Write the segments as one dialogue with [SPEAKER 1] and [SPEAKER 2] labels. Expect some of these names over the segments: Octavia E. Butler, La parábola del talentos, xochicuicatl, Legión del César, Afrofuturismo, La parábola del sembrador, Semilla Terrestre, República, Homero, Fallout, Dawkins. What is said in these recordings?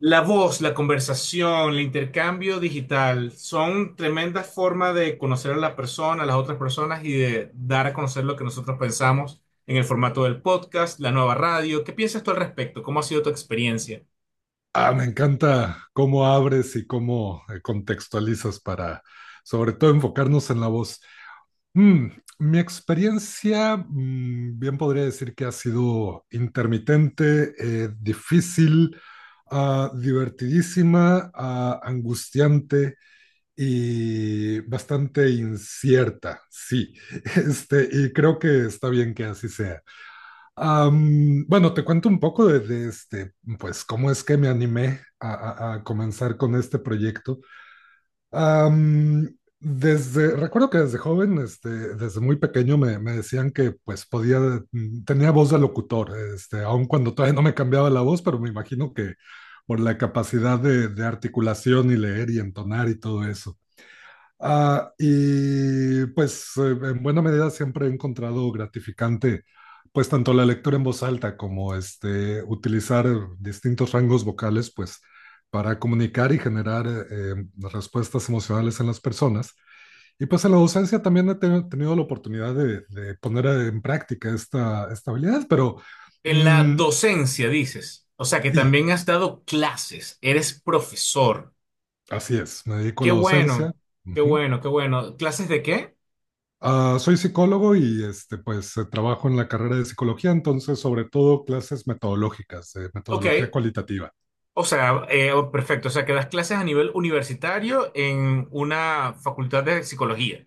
[SPEAKER 1] La voz, la conversación, el intercambio digital son tremendas formas de conocer a la persona, a las otras personas y de dar a conocer lo que nosotros pensamos en el formato del podcast, la nueva radio. ¿Qué piensas tú al respecto? ¿Cómo ha sido tu experiencia?
[SPEAKER 2] Me encanta cómo abres y cómo contextualizas para, sobre todo, enfocarnos en la voz. Mm, mi experiencia, bien podría decir que ha sido intermitente, difícil, divertidísima, angustiante y bastante incierta, sí. Y creo que está bien que así sea. Bueno, te cuento un poco de este, pues, cómo es que me animé a comenzar con este proyecto. Am, Desde, recuerdo que desde joven, desde muy pequeño me decían que, pues, podía, tenía voz de locutor, este, aun cuando todavía no me cambiaba la voz, pero me imagino que por la capacidad de articulación y leer y entonar y todo eso. Y pues en buena medida siempre he encontrado gratificante pues tanto la lectura en voz alta como este utilizar distintos rangos vocales pues para comunicar y generar respuestas emocionales en las personas. Y pues en la docencia también he tenido la oportunidad de poner en práctica esta habilidad, pero
[SPEAKER 1] En la
[SPEAKER 2] mm,
[SPEAKER 1] docencia, dices. O sea, que
[SPEAKER 2] sí,
[SPEAKER 1] también has dado clases, eres profesor.
[SPEAKER 2] así es, me dedico a
[SPEAKER 1] Qué
[SPEAKER 2] la docencia.
[SPEAKER 1] bueno, qué
[SPEAKER 2] Ujú.
[SPEAKER 1] bueno, qué bueno. ¿Clases de qué?
[SPEAKER 2] Soy psicólogo y este, pues trabajo en la carrera de psicología, entonces sobre todo clases metodológicas, de
[SPEAKER 1] Ok,
[SPEAKER 2] metodología cualitativa.
[SPEAKER 1] o sea, oh, perfecto. O sea, que das clases a nivel universitario en una facultad de psicología.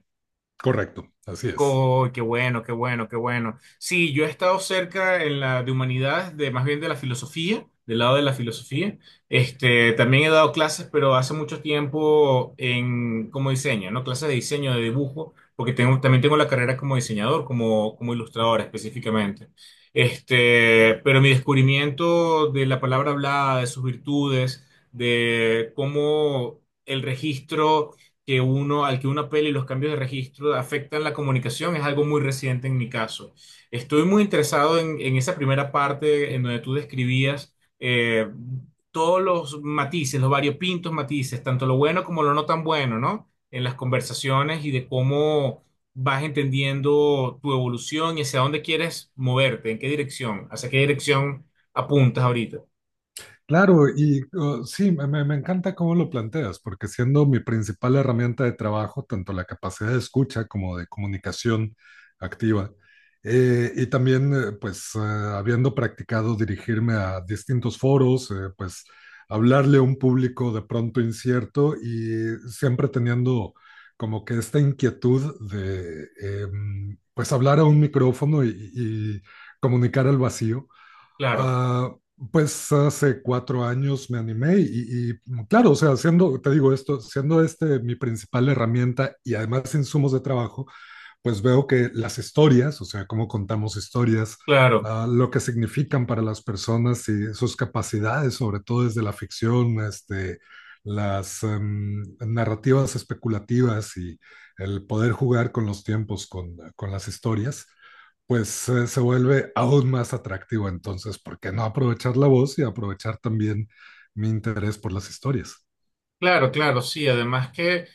[SPEAKER 2] Correcto, así es.
[SPEAKER 1] Co- qué bueno, qué bueno, qué bueno. Sí, yo he estado cerca en la de humanidades, de más bien de la filosofía, del lado de la filosofía. Este, también he dado clases, pero hace mucho tiempo en como diseño, ¿no? Clases de diseño, de dibujo, porque tengo, también tengo la carrera como diseñador, como, como ilustrador específicamente. Este, pero mi descubrimiento de la palabra hablada, de sus virtudes, de cómo el registro que uno, al que una peli y los cambios de registro afectan la comunicación es algo muy reciente en mi caso. Estoy muy interesado en esa primera parte en donde tú describías todos los matices, los variopintos matices, tanto lo bueno como lo no tan bueno, ¿no? En las conversaciones y de cómo vas entendiendo tu evolución y hacia dónde quieres moverte, en qué dirección, hacia qué dirección apuntas ahorita.
[SPEAKER 2] Claro, y sí, me encanta cómo lo planteas, porque siendo mi principal herramienta de trabajo, tanto la capacidad de escucha como de comunicación activa, y también, pues, habiendo practicado dirigirme a distintos foros, pues, hablarle a un público de pronto incierto y siempre teniendo como que esta inquietud de, pues, hablar a un micrófono y comunicar al vacío.
[SPEAKER 1] Claro,
[SPEAKER 2] Ah, pues hace cuatro años me animé y, claro, o sea, siendo, te digo esto, siendo este mi principal herramienta y además insumos de trabajo, pues veo que las historias, o sea, cómo contamos historias,
[SPEAKER 1] claro.
[SPEAKER 2] lo que significan para las personas y sus capacidades, sobre todo desde la ficción, las narrativas especulativas y el poder jugar con los tiempos, con las historias, pues se vuelve aún más atractivo. Entonces, ¿por qué no aprovechar la voz y aprovechar también mi interés por las historias?
[SPEAKER 1] Claro, claro, sí. Además que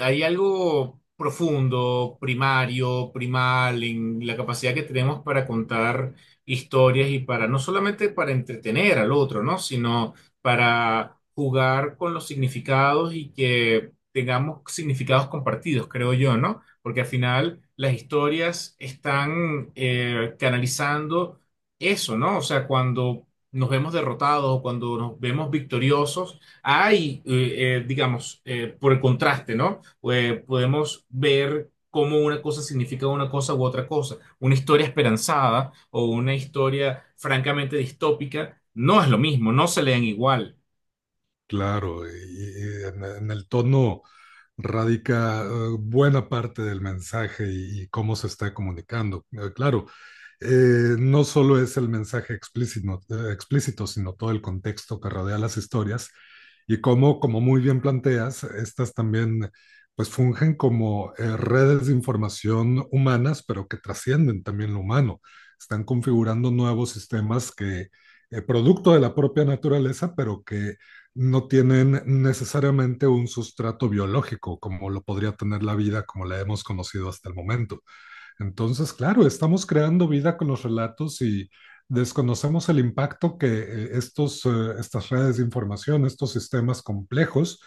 [SPEAKER 1] hay algo profundo, primario, primal en la capacidad que tenemos para contar historias y para no solamente para entretener al otro, ¿no? Sino para jugar con los significados y que tengamos significados compartidos, creo yo, ¿no? Porque al final las historias están canalizando eso, ¿no? O sea, cuando nos vemos derrotados o cuando nos vemos victoriosos hay, digamos, por el contraste, ¿no? Podemos ver cómo una cosa significa una cosa u otra cosa. Una historia esperanzada o una historia francamente distópica no es lo mismo, no se leen igual.
[SPEAKER 2] Claro, y en el tono radica buena parte del mensaje y cómo se está comunicando. Claro, no solo es el mensaje explícito, sino todo el contexto que rodea las historias y cómo, como muy bien planteas, estas también pues fungen como redes de información humanas, pero que trascienden también lo humano. Están configurando nuevos sistemas que, producto de la propia naturaleza, pero que no tienen necesariamente un sustrato biológico como lo podría tener la vida como la hemos conocido hasta el momento. Entonces, claro, estamos creando vida con los relatos y desconocemos el impacto que estas redes de información, estos sistemas complejos,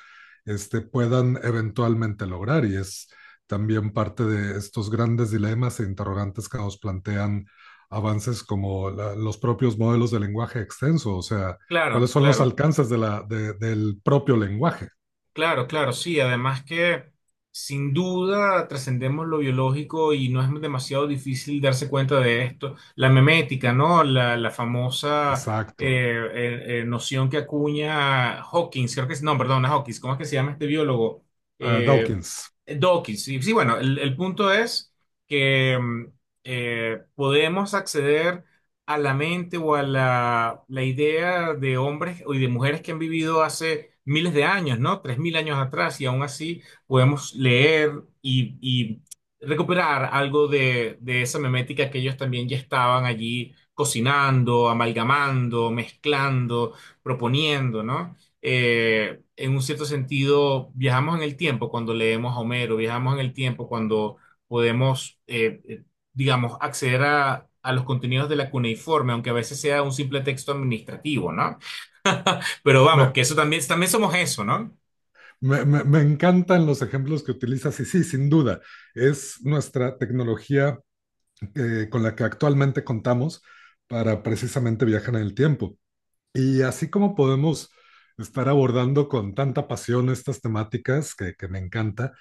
[SPEAKER 2] puedan eventualmente lograr. Y es también parte de estos grandes dilemas e interrogantes que nos plantean avances como los propios modelos de lenguaje extenso, o sea, cuáles
[SPEAKER 1] Claro,
[SPEAKER 2] son los
[SPEAKER 1] claro.
[SPEAKER 2] alcances de la, del propio lenguaje.
[SPEAKER 1] Claro, claro, sí. Además que sin duda trascendemos lo biológico y no es demasiado difícil darse cuenta de esto. La memética, ¿no? La famosa
[SPEAKER 2] Exacto.
[SPEAKER 1] noción que acuña Hawkins, creo que es, no, perdón, no es Hawkins, ¿cómo es que se llama este biólogo?
[SPEAKER 2] Ah,
[SPEAKER 1] Eh,
[SPEAKER 2] Dawkins.
[SPEAKER 1] Dawkins. Sí, sí, bueno, el punto es que podemos acceder a la mente o a la idea de hombres y de mujeres que han vivido hace miles de años, ¿no? 3000 años atrás, y aún así podemos leer y recuperar algo de esa memética que ellos también ya estaban allí cocinando, amalgamando, mezclando, proponiendo, ¿no? En un cierto sentido, viajamos en el tiempo cuando leemos a Homero, viajamos en el tiempo cuando podemos digamos, acceder a los contenidos de la cuneiforme, aunque a veces sea un simple texto administrativo, ¿no? Pero
[SPEAKER 2] Me,
[SPEAKER 1] vamos, que eso también, también somos eso, ¿no?
[SPEAKER 2] Me encantan los ejemplos que utilizas y sí, sin duda, es nuestra tecnología con la que actualmente contamos para precisamente viajar en el tiempo. Y así como podemos estar abordando con tanta pasión estas temáticas que me encanta,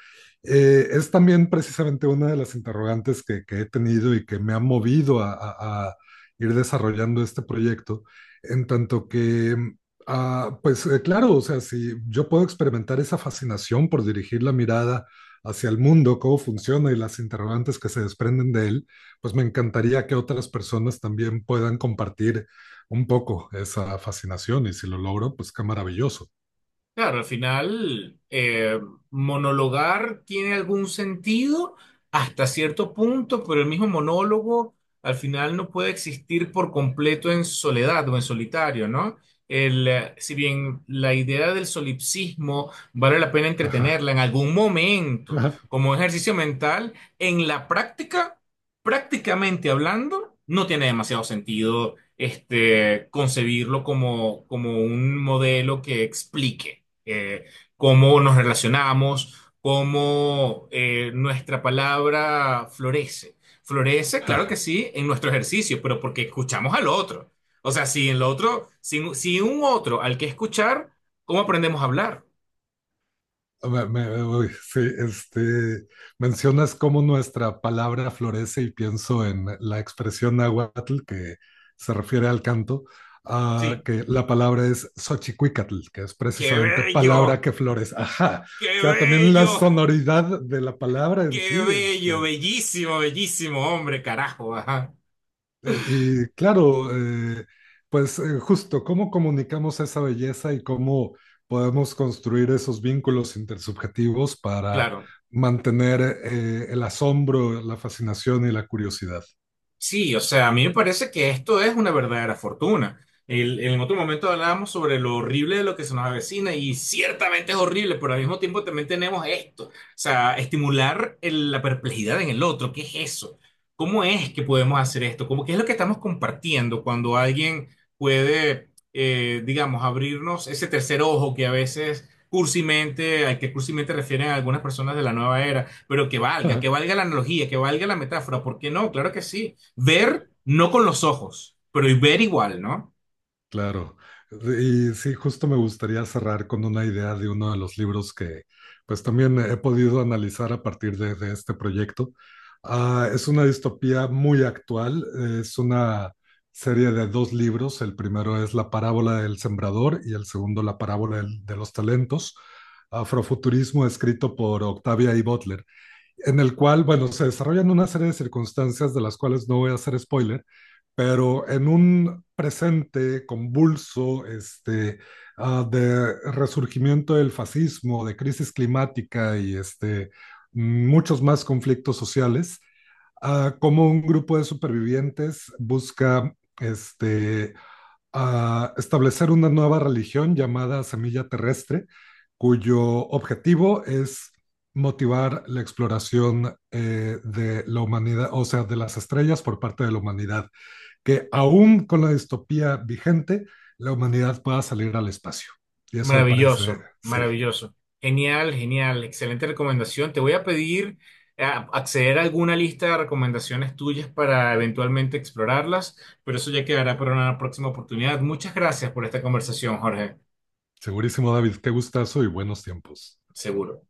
[SPEAKER 2] es también precisamente una de las interrogantes que he tenido y que me ha movido a ir desarrollando este proyecto, en tanto que, pues claro, o sea, si yo puedo experimentar esa fascinación por dirigir la mirada hacia el mundo, cómo funciona y las interrogantes que se desprenden de él, pues me encantaría que otras personas también puedan compartir un poco esa fascinación y si lo logro, pues qué maravilloso.
[SPEAKER 1] Claro, al final, monologar tiene algún sentido hasta cierto punto, pero el mismo monólogo al final no puede existir por completo en soledad o en solitario, ¿no? Si bien la idea del solipsismo vale la pena
[SPEAKER 2] Ajá,
[SPEAKER 1] entretenerla en algún momento
[SPEAKER 2] ajá,
[SPEAKER 1] como ejercicio mental, en la práctica, prácticamente hablando, no tiene demasiado sentido este, concebirlo como, como un modelo que explique eh, cómo nos relacionamos, cómo nuestra palabra florece. Florece, claro que
[SPEAKER 2] ajá.
[SPEAKER 1] sí, en nuestro ejercicio, pero porque escuchamos al otro. O sea, si el otro, si, si un otro al que escuchar, ¿cómo aprendemos a hablar?
[SPEAKER 2] Uy, sí, mencionas cómo nuestra palabra florece y pienso en la expresión náhuatl que se refiere al canto,
[SPEAKER 1] Sí,
[SPEAKER 2] que la palabra es xochicuicatl, que es
[SPEAKER 1] qué
[SPEAKER 2] precisamente palabra
[SPEAKER 1] bello,
[SPEAKER 2] que florece. Ajá.
[SPEAKER 1] qué
[SPEAKER 2] O sea, también la
[SPEAKER 1] bello,
[SPEAKER 2] sonoridad de la palabra en sí,
[SPEAKER 1] qué bello,
[SPEAKER 2] este,
[SPEAKER 1] bellísimo, bellísimo, hombre, carajo, ajá,
[SPEAKER 2] y claro, pues justo, ¿cómo comunicamos esa belleza y cómo podemos construir esos vínculos intersubjetivos para
[SPEAKER 1] claro.
[SPEAKER 2] mantener el asombro, la fascinación y la curiosidad?
[SPEAKER 1] Sí, o sea, a mí me parece que esto es una verdadera fortuna. El- en otro momento hablábamos sobre lo horrible de lo que se nos avecina y ciertamente es horrible, pero al mismo tiempo también tenemos esto. O sea, estimular el- la perplejidad en el otro. ¿Qué es eso? ¿Cómo es que podemos hacer esto? ¿Cómo, qué es lo que estamos compartiendo cuando alguien puede, digamos, abrirnos ese tercer ojo que a veces cursimente, al que cursimente refieren algunas personas de la nueva era, pero que valga la analogía, que valga la metáfora. ¿Por qué no? Claro que sí. Ver, no con los ojos, pero y ver igual, ¿no?
[SPEAKER 2] Claro, y sí, justo me gustaría cerrar con una idea de uno de los libros que pues también he podido analizar a partir de este proyecto. Es una distopía muy actual, es una serie de dos libros, el primero es La Parábola del Sembrador y el segundo La Parábola de los Talentos, afrofuturismo escrito por Octavia E. Butler, en el cual, bueno, se desarrollan una serie de circunstancias de las cuales no voy a hacer spoiler, pero en un presente convulso este, de resurgimiento del fascismo, de crisis climática y este, muchos más conflictos sociales, como un grupo de supervivientes busca este, a establecer una nueva religión llamada Semilla Terrestre, cuyo objetivo es motivar la exploración de la humanidad, o sea, de las estrellas por parte de la humanidad, que aún con la distopía vigente, la humanidad pueda salir al espacio. Y eso me parece,
[SPEAKER 1] Maravilloso,
[SPEAKER 2] sí,
[SPEAKER 1] maravilloso. Genial, genial. Excelente recomendación. Te voy a pedir eh, acceder a alguna lista de recomendaciones tuyas para eventualmente explorarlas, pero eso ya quedará para una próxima oportunidad. Muchas gracias por esta conversación, Jorge.
[SPEAKER 2] segurísimo David, qué gustazo y buenos tiempos.
[SPEAKER 1] Seguro.